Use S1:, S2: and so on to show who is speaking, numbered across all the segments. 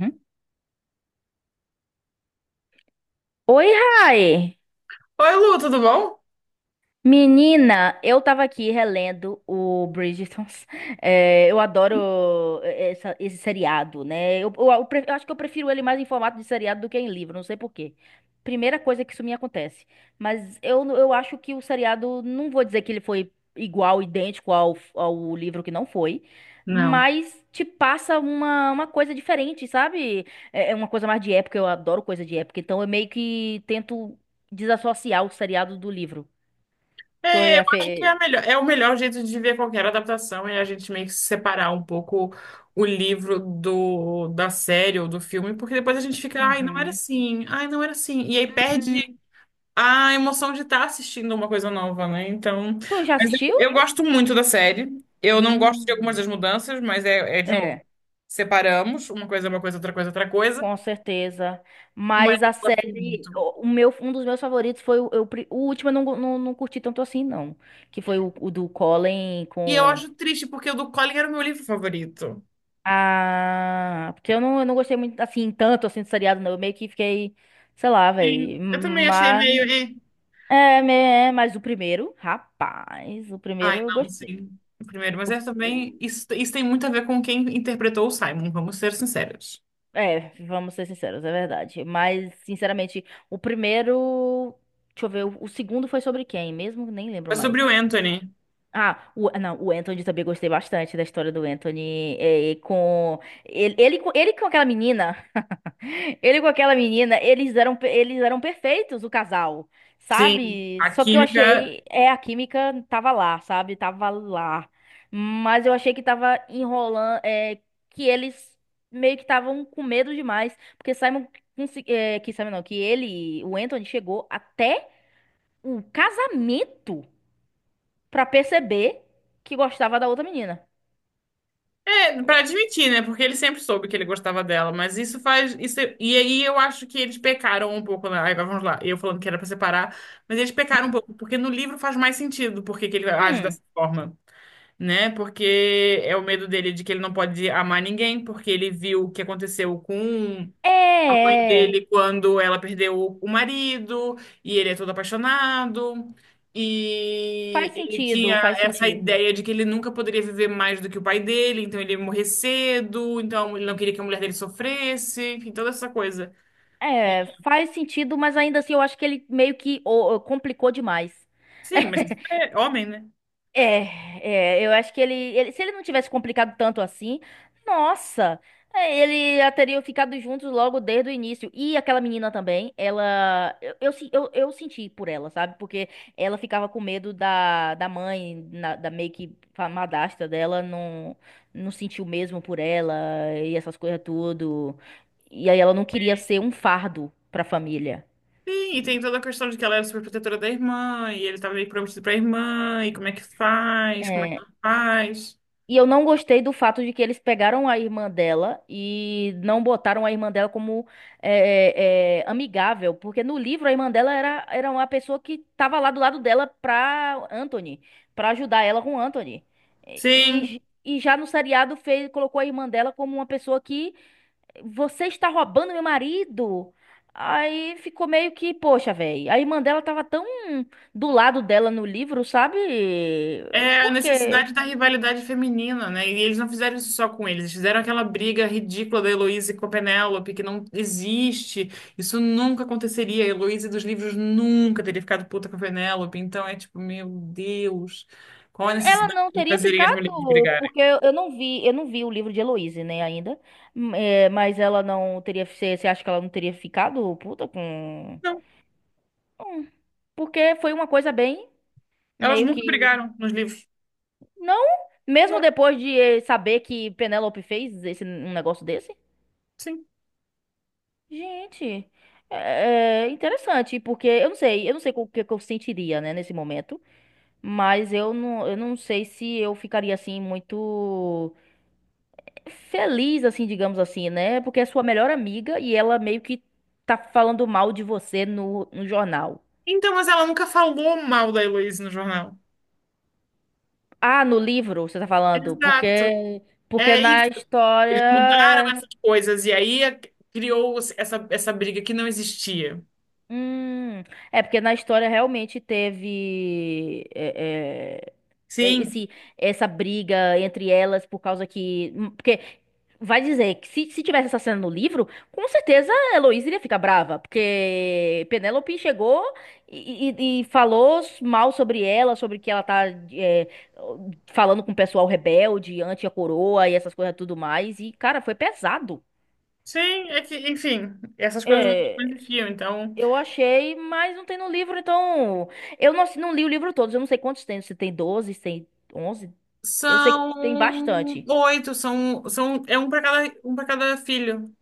S1: Uhum. Oi, Rai!
S2: Oi, Lu, tudo bom?
S1: Menina, eu tava aqui relendo o Bridgertons. É, eu adoro esse seriado, né? Eu acho que eu prefiro ele mais em formato de seriado do que em livro, não sei por quê. Primeira coisa que isso me acontece. Mas eu acho que o seriado, não vou dizer que ele foi igual, idêntico ao livro, que não foi.
S2: Não.
S1: Mas te passa uma coisa diferente, sabe? É uma coisa mais de época, eu adoro coisa de época. Então eu meio que tento desassociar o seriado do livro. Tu
S2: É, eu
S1: já
S2: acho que é, a
S1: fez.
S2: melhor, é o melhor jeito de ver qualquer adaptação é a gente meio que separar um pouco o livro da série ou do filme, porque depois a gente fica, ai, não era
S1: Uhum.
S2: assim, ai, não era assim. E aí perde
S1: Hum.
S2: a emoção de estar assistindo uma coisa nova, né? Então,
S1: Tu já
S2: mas
S1: assistiu?
S2: eu, eu gosto muito da série. Eu não gosto de algumas
S1: Hum.
S2: das mudanças, mas é de novo,
S1: É,
S2: separamos, uma coisa é uma coisa, outra coisa é outra coisa,
S1: com certeza.
S2: mas
S1: Mas a
S2: eu gosto
S1: série,
S2: muito.
S1: o meu, um dos meus favoritos foi o último, eu não, go- não curti tanto assim, não. Que foi o do Colin
S2: E eu
S1: com.
S2: acho triste, porque o do Colin era o meu livro favorito.
S1: Ah, porque eu não gostei muito assim, tanto assim do seriado, não. Eu meio que fiquei, sei lá,
S2: Sim,
S1: velho.
S2: eu também achei
S1: Mas,
S2: meio. Eh.
S1: é, me- mas o primeiro, rapaz, o
S2: Ai,
S1: primeiro eu
S2: não,
S1: gostei.
S2: sim. O Primeiro, mas é também. Isso tem muito a ver com quem interpretou o Simon, vamos ser sinceros.
S1: É, vamos ser sinceros, é verdade. Mas, sinceramente, o primeiro. Deixa eu ver, o segundo foi sobre quem mesmo? Nem lembro
S2: Mas sobre
S1: mais.
S2: o Anthony,
S1: Ah, o, não, o Anthony também gostei bastante da história do Anthony. É, com, ele, ele com aquela menina. Ele com aquela menina, eles eram perfeitos, o casal,
S2: sim,
S1: sabe?
S2: a
S1: Só que eu
S2: química.
S1: achei, a química tava lá, sabe? Tava lá. Mas eu achei que tava enrolando, que eles meio que estavam com medo demais, porque que Simon não, que ele, o Anthony chegou até o casamento pra perceber que gostava da outra menina.
S2: É, pra admitir, né? Porque ele sempre soube que ele gostava dela, mas isso faz. Isso, e aí eu acho que eles pecaram um pouco, né? Agora vamos lá, eu falando que era pra separar, mas eles pecaram um pouco, porque no livro faz mais sentido porque que ele age
S1: Hum,
S2: dessa forma, né? Porque é o medo dele de que ele não pode amar ninguém, porque ele viu o que aconteceu com
S1: é, é. É.
S2: dele quando ela perdeu o marido, e ele é todo apaixonado, e
S1: Faz
S2: ele
S1: sentido,
S2: tinha
S1: faz
S2: essa
S1: sentido.
S2: ideia de que ele nunca poderia viver mais do que o pai dele, então ele ia morrer cedo, então ele não queria que a mulher dele sofresse, enfim, toda essa coisa.
S1: É, faz sentido, mas ainda assim eu acho que ele meio que complicou demais.
S2: Sim, mas isso é homem, né?
S1: É, é, eu acho que ele, se ele não tivesse complicado tanto assim, nossa, ele já teriam ficado juntos logo desde o início. E aquela menina também, ela, eu, se- eu senti por ela, sabe? Porque ela ficava com medo da mãe, da meio que madrasta dela, não, não sentiu mesmo por ela e essas coisas tudo. E aí ela não queria ser um fardo pra família.
S2: Sim, e tem toda a questão de que ela era super protetora da irmã, e ele estava meio prometido pra irmã, e como é que faz, como é que
S1: É.
S2: ela faz.
S1: E eu não gostei do fato de que eles pegaram a irmã dela e não botaram a irmã dela como amigável, porque no livro a irmã dela era uma pessoa que tava lá do lado dela pra Anthony, pra ajudar ela com Anthony.
S2: Sim.
S1: E já no seriado fez, colocou a irmã dela como uma pessoa que você está roubando meu marido. Aí ficou meio que, poxa, velho, a irmã dela tava tão do lado dela no livro, sabe?
S2: É a
S1: Por quê?
S2: necessidade da rivalidade feminina, né? E eles não fizeram isso só com eles, eles fizeram aquela briga ridícula da Heloísa com a Penélope, que não existe. Isso nunca aconteceria. A Heloísa dos livros nunca teria ficado puta com a Penélope. Então é tipo, meu Deus, qual a
S1: Ela
S2: necessidade
S1: não
S2: de
S1: teria
S2: fazerem as
S1: ficado,
S2: mulheres brigarem?
S1: porque eu não vi, eu não vi o livro de Heloise, né, ainda. É, mas ela não teria. Você acha que ela não teria ficado puta com.
S2: Não,
S1: Hum, porque foi uma coisa bem
S2: elas
S1: meio
S2: nunca
S1: que.
S2: brigaram nos livros.
S1: Não, mesmo
S2: Não,
S1: depois de saber que Penélope fez esse, um negócio desse.
S2: sim.
S1: Gente, é interessante, porque eu não sei o que que eu sentiria, né, nesse momento. Mas eu não sei se eu ficaria assim muito, feliz, assim, digamos assim, né? Porque é sua melhor amiga e ela meio que tá falando mal de você no jornal.
S2: Então, mas ela nunca falou mal da Heloísa no jornal.
S1: Ah, no livro, você tá falando?
S2: Exato.
S1: Porque, porque
S2: É
S1: na
S2: isso. Eles mudaram
S1: história.
S2: essas coisas e aí criou essa, essa briga que não existia.
S1: Hum, é porque na história realmente teve. É,
S2: Sim,
S1: esse, essa briga entre elas por causa que. Porque vai dizer que se tivesse essa cena no livro, com certeza a Heloísa iria ficar brava. Porque Penélope chegou e falou mal sobre ela, sobre que ela tá é, falando com o pessoal rebelde, anti a coroa e essas coisas tudo mais. E, cara, foi pesado.
S2: sim, é que, enfim, essas coisas não
S1: É,
S2: existiam, então
S1: eu achei, mas não tem no livro, então. Eu não, não li o livro todo, eu não sei quantos tem, se tem 12 se tem 11. Eu sei que tem
S2: são
S1: bastante.
S2: oito, são, são é um para cada filho.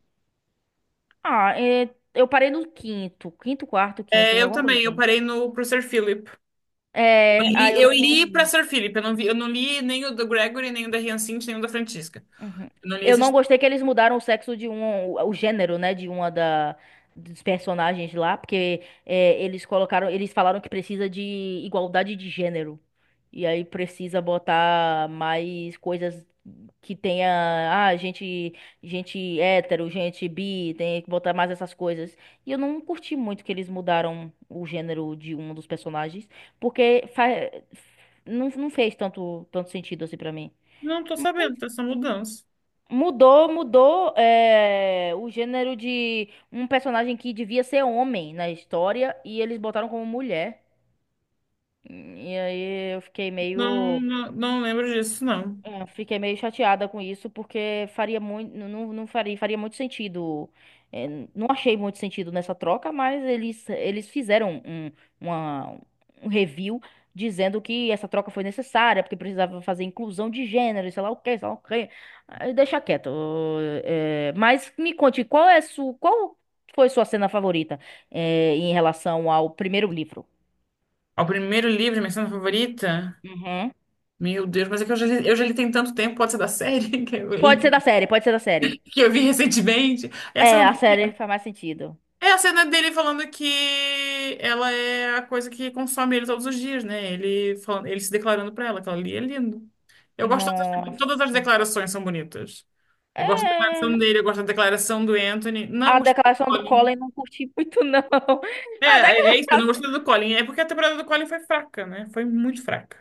S1: Ah, é, eu parei no quinto. Quinto, quarto, quinto,
S2: É, eu
S1: alguma coisa
S2: também, eu
S1: assim.
S2: parei no pro Sir Philip.
S1: É, aí eu
S2: Eu
S1: não
S2: li para
S1: vi.
S2: Sir Philip, eu não vi, eu não li nem o do Gregory, nem o da Hyacinth, nem o da Francisca.
S1: Uhum.
S2: Eu não li
S1: Eu
S2: esses.
S1: não gostei que eles mudaram o sexo de um, o gênero, né, de uma da dos personagens lá, porque eles colocaram, eles falaram que precisa de igualdade de gênero. E aí precisa botar mais coisas que tenha, ah, gente, gente hétero, gente bi, tem que botar mais essas coisas. E eu não curti muito que eles mudaram o gênero de um dos personagens, porque não, não fez tanto sentido assim pra mim.
S2: Não tô sabendo dessa mudança.
S1: Mudou o gênero de um personagem que devia ser homem na história e eles botaram como mulher. E aí eu fiquei
S2: Não,
S1: meio.
S2: não, não lembro disso, não.
S1: É, fiquei meio chateada com isso, porque faria muito, não, não faria, faria muito sentido. é, não achei muito sentido nessa troca, mas eles fizeram uma- um review dizendo que essa troca foi necessária, porque precisava fazer inclusão de gênero, e sei lá o quê, sei lá o quê. Aí deixa quieto. Mas me conte, qual foi sua cena favorita, em relação ao primeiro livro?
S2: Ao primeiro livro, minha cena favorita?
S1: Uhum.
S2: Meu Deus, mas é que eu já li tem tanto tempo, pode ser da série que eu,
S1: Pode ser
S2: e-
S1: da série, pode ser da série.
S2: que eu vi recentemente. É a
S1: É,
S2: cena,
S1: a série faz mais sentido.
S2: é a cena dele falando que ela é a coisa que consome ele todos os dias, né? Ele, falando, ele se declarando pra ela, que ela ali é lindo. Eu gosto, todas as
S1: Nossa.
S2: declarações são bonitas. Eu gosto da declaração
S1: É.
S2: dele, eu gosto da declaração do Anthony. Não
S1: A
S2: gostei do
S1: declaração do Collor
S2: Colin.
S1: eu não curti muito, não.
S2: É,
S1: A
S2: é isso, eu não
S1: declaração.
S2: gostei do Colin. É porque a temporada do Colin foi fraca, né? Foi muito fraca.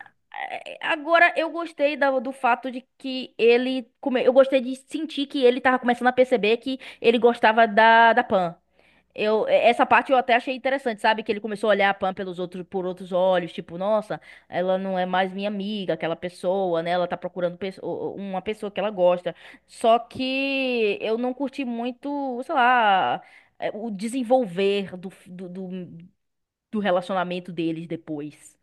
S1: Agora, eu gostei do fato de que ele. Eu gostei de sentir que ele tava começando a perceber que ele gostava da Pan. Essa parte eu até achei interessante, sabe? Que ele começou a olhar a Pam pelos outros, por outros olhos, tipo, nossa, ela não é mais minha amiga, aquela pessoa, né? Ela tá procurando uma pessoa que ela gosta. Só que eu não curti muito, sei lá, o desenvolver do relacionamento deles depois.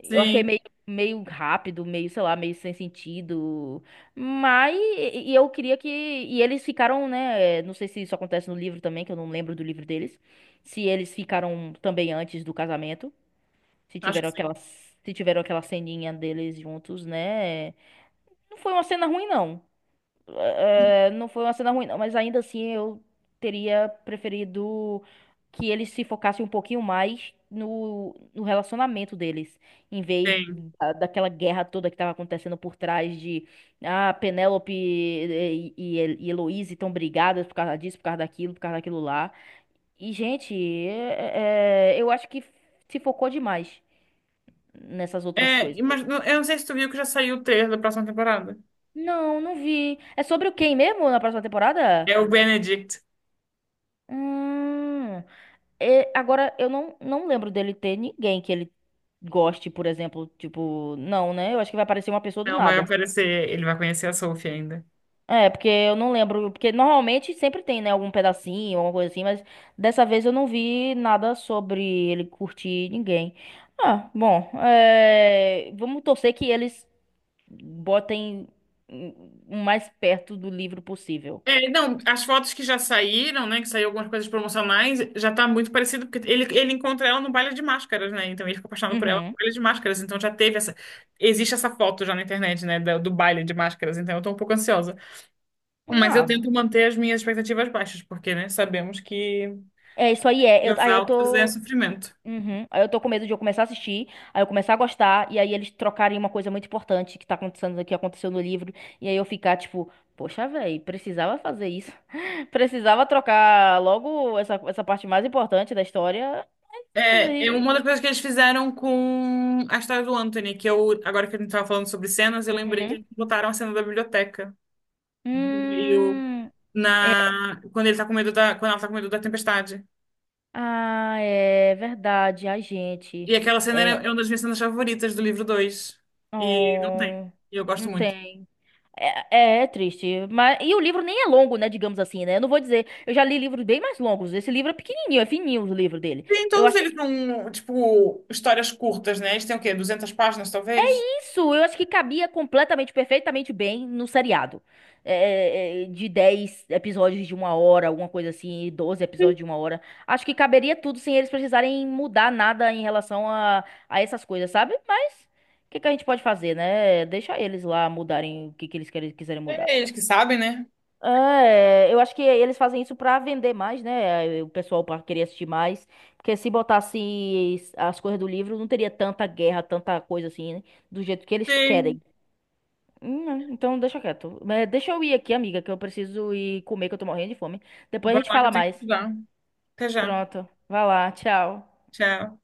S1: Eu achei
S2: Sim,
S1: meio rápido, meio, sei lá, meio sem sentido. Mas e eu queria que. E eles ficaram, né? Não sei se isso acontece no livro também, que eu não lembro do livro deles. Se eles ficaram também antes do casamento. Se
S2: acho que
S1: tiveram aquela,
S2: sim.
S1: se tiveram aquela ceninha deles juntos, né? Não foi uma cena ruim, não. É, não foi uma cena ruim, não, mas ainda assim eu teria preferido que eles se focassem um pouquinho mais no relacionamento deles, em vez
S2: Sim.
S1: daquela guerra toda que tava acontecendo por trás de ah, Penélope e Heloísa estão brigadas por causa disso, por causa daquilo lá. E, gente, eu acho que se focou demais nessas outras
S2: É,
S1: coisas.
S2: mas eu não sei se tu viu que já saiu o trailer da próxima temporada.
S1: Não, não vi. É sobre o quem mesmo na próxima temporada?
S2: É o Benedict.
S1: Hum. É, agora, eu não, não lembro dele ter ninguém que ele goste, por exemplo. Tipo, não, né? Eu acho que vai aparecer uma pessoa do
S2: Não vai
S1: nada.
S2: aparecer, ele vai conhecer a Sophie ainda.
S1: É, porque eu não lembro. Porque normalmente sempre tem, né? Algum pedacinho, alguma coisa assim. Mas dessa vez eu não vi nada sobre ele curtir ninguém. Ah, bom. Vamos torcer que eles botem o mais perto do livro possível.
S2: É, não, as fotos que já saíram, né? Que saiu algumas coisas promocionais, já tá muito parecido, porque ele encontra ela no baile de máscaras, né? Então ele fica apaixonado por ela no
S1: Uhum.
S2: baile de máscaras. Então já teve essa. Existe essa foto já na internet, né? Do baile de máscaras. Então eu tô um pouco ansiosa. Mas eu
S1: Ah,
S2: tento manter as minhas expectativas baixas, porque, né? Sabemos que
S1: é isso aí. É. Eu,
S2: expectativas
S1: aí eu
S2: altas é
S1: tô.
S2: sofrimento.
S1: Uhum. Aí eu tô com medo de eu começar a assistir, aí eu começar a gostar, e aí eles trocarem uma coisa muito importante que tá acontecendo, que aconteceu no livro, e aí eu ficar tipo, poxa, velho, precisava fazer isso. Precisava trocar logo essa parte mais importante da história.
S2: É, é
S1: Foi-
S2: uma das coisas que eles fizeram com a história do Anthony, que eu, agora que a gente tava falando sobre cenas, eu lembrei que
S1: Uhum.
S2: eles botaram a cena da biblioteca do meio
S1: Hum, é.
S2: na, quando ele tá com medo da, quando ela tá com medo da tempestade.
S1: Ah, é verdade, a gente.
S2: E aquela cena
S1: É.
S2: é uma das minhas cenas favoritas do livro 2. E não tem.
S1: Oh,
S2: E eu gosto
S1: não
S2: muito.
S1: tem. É, é triste, mas e o livro nem é longo, né, digamos assim, né? Eu não vou dizer, eu já li livros bem mais longos. Esse livro é pequenininho, é fininho o livro dele.
S2: Tem
S1: Eu
S2: todos
S1: acho que
S2: eles são, tipo, histórias curtas, né? Eles têm o quê? 200 páginas, talvez?
S1: isso, eu acho que cabia completamente, perfeitamente bem no seriado. É, é, de 10 episódios de uma hora, alguma coisa assim, 12 episódios de uma hora. Acho que caberia tudo sem eles precisarem mudar nada em relação a essas coisas, sabe? Mas o que que a gente pode fazer, né? Deixa eles lá mudarem o que que eles quiserem mudar.
S2: É eles que sabem, né?
S1: É, eu acho que eles fazem isso pra vender mais, né? O pessoal para querer assistir mais, porque se botasse as coisas do livro, não teria tanta guerra, tanta coisa assim, né? Do jeito que eles
S2: Tem.
S1: querem. Não, então deixa quieto. Mas deixa eu ir aqui, amiga, que eu preciso ir comer, que eu tô morrendo de fome. Depois a
S2: Vai
S1: gente
S2: lá que eu
S1: fala
S2: tenho que
S1: mais.
S2: estudar. Até já.
S1: Pronto. Vai lá, tchau.
S2: Tchau.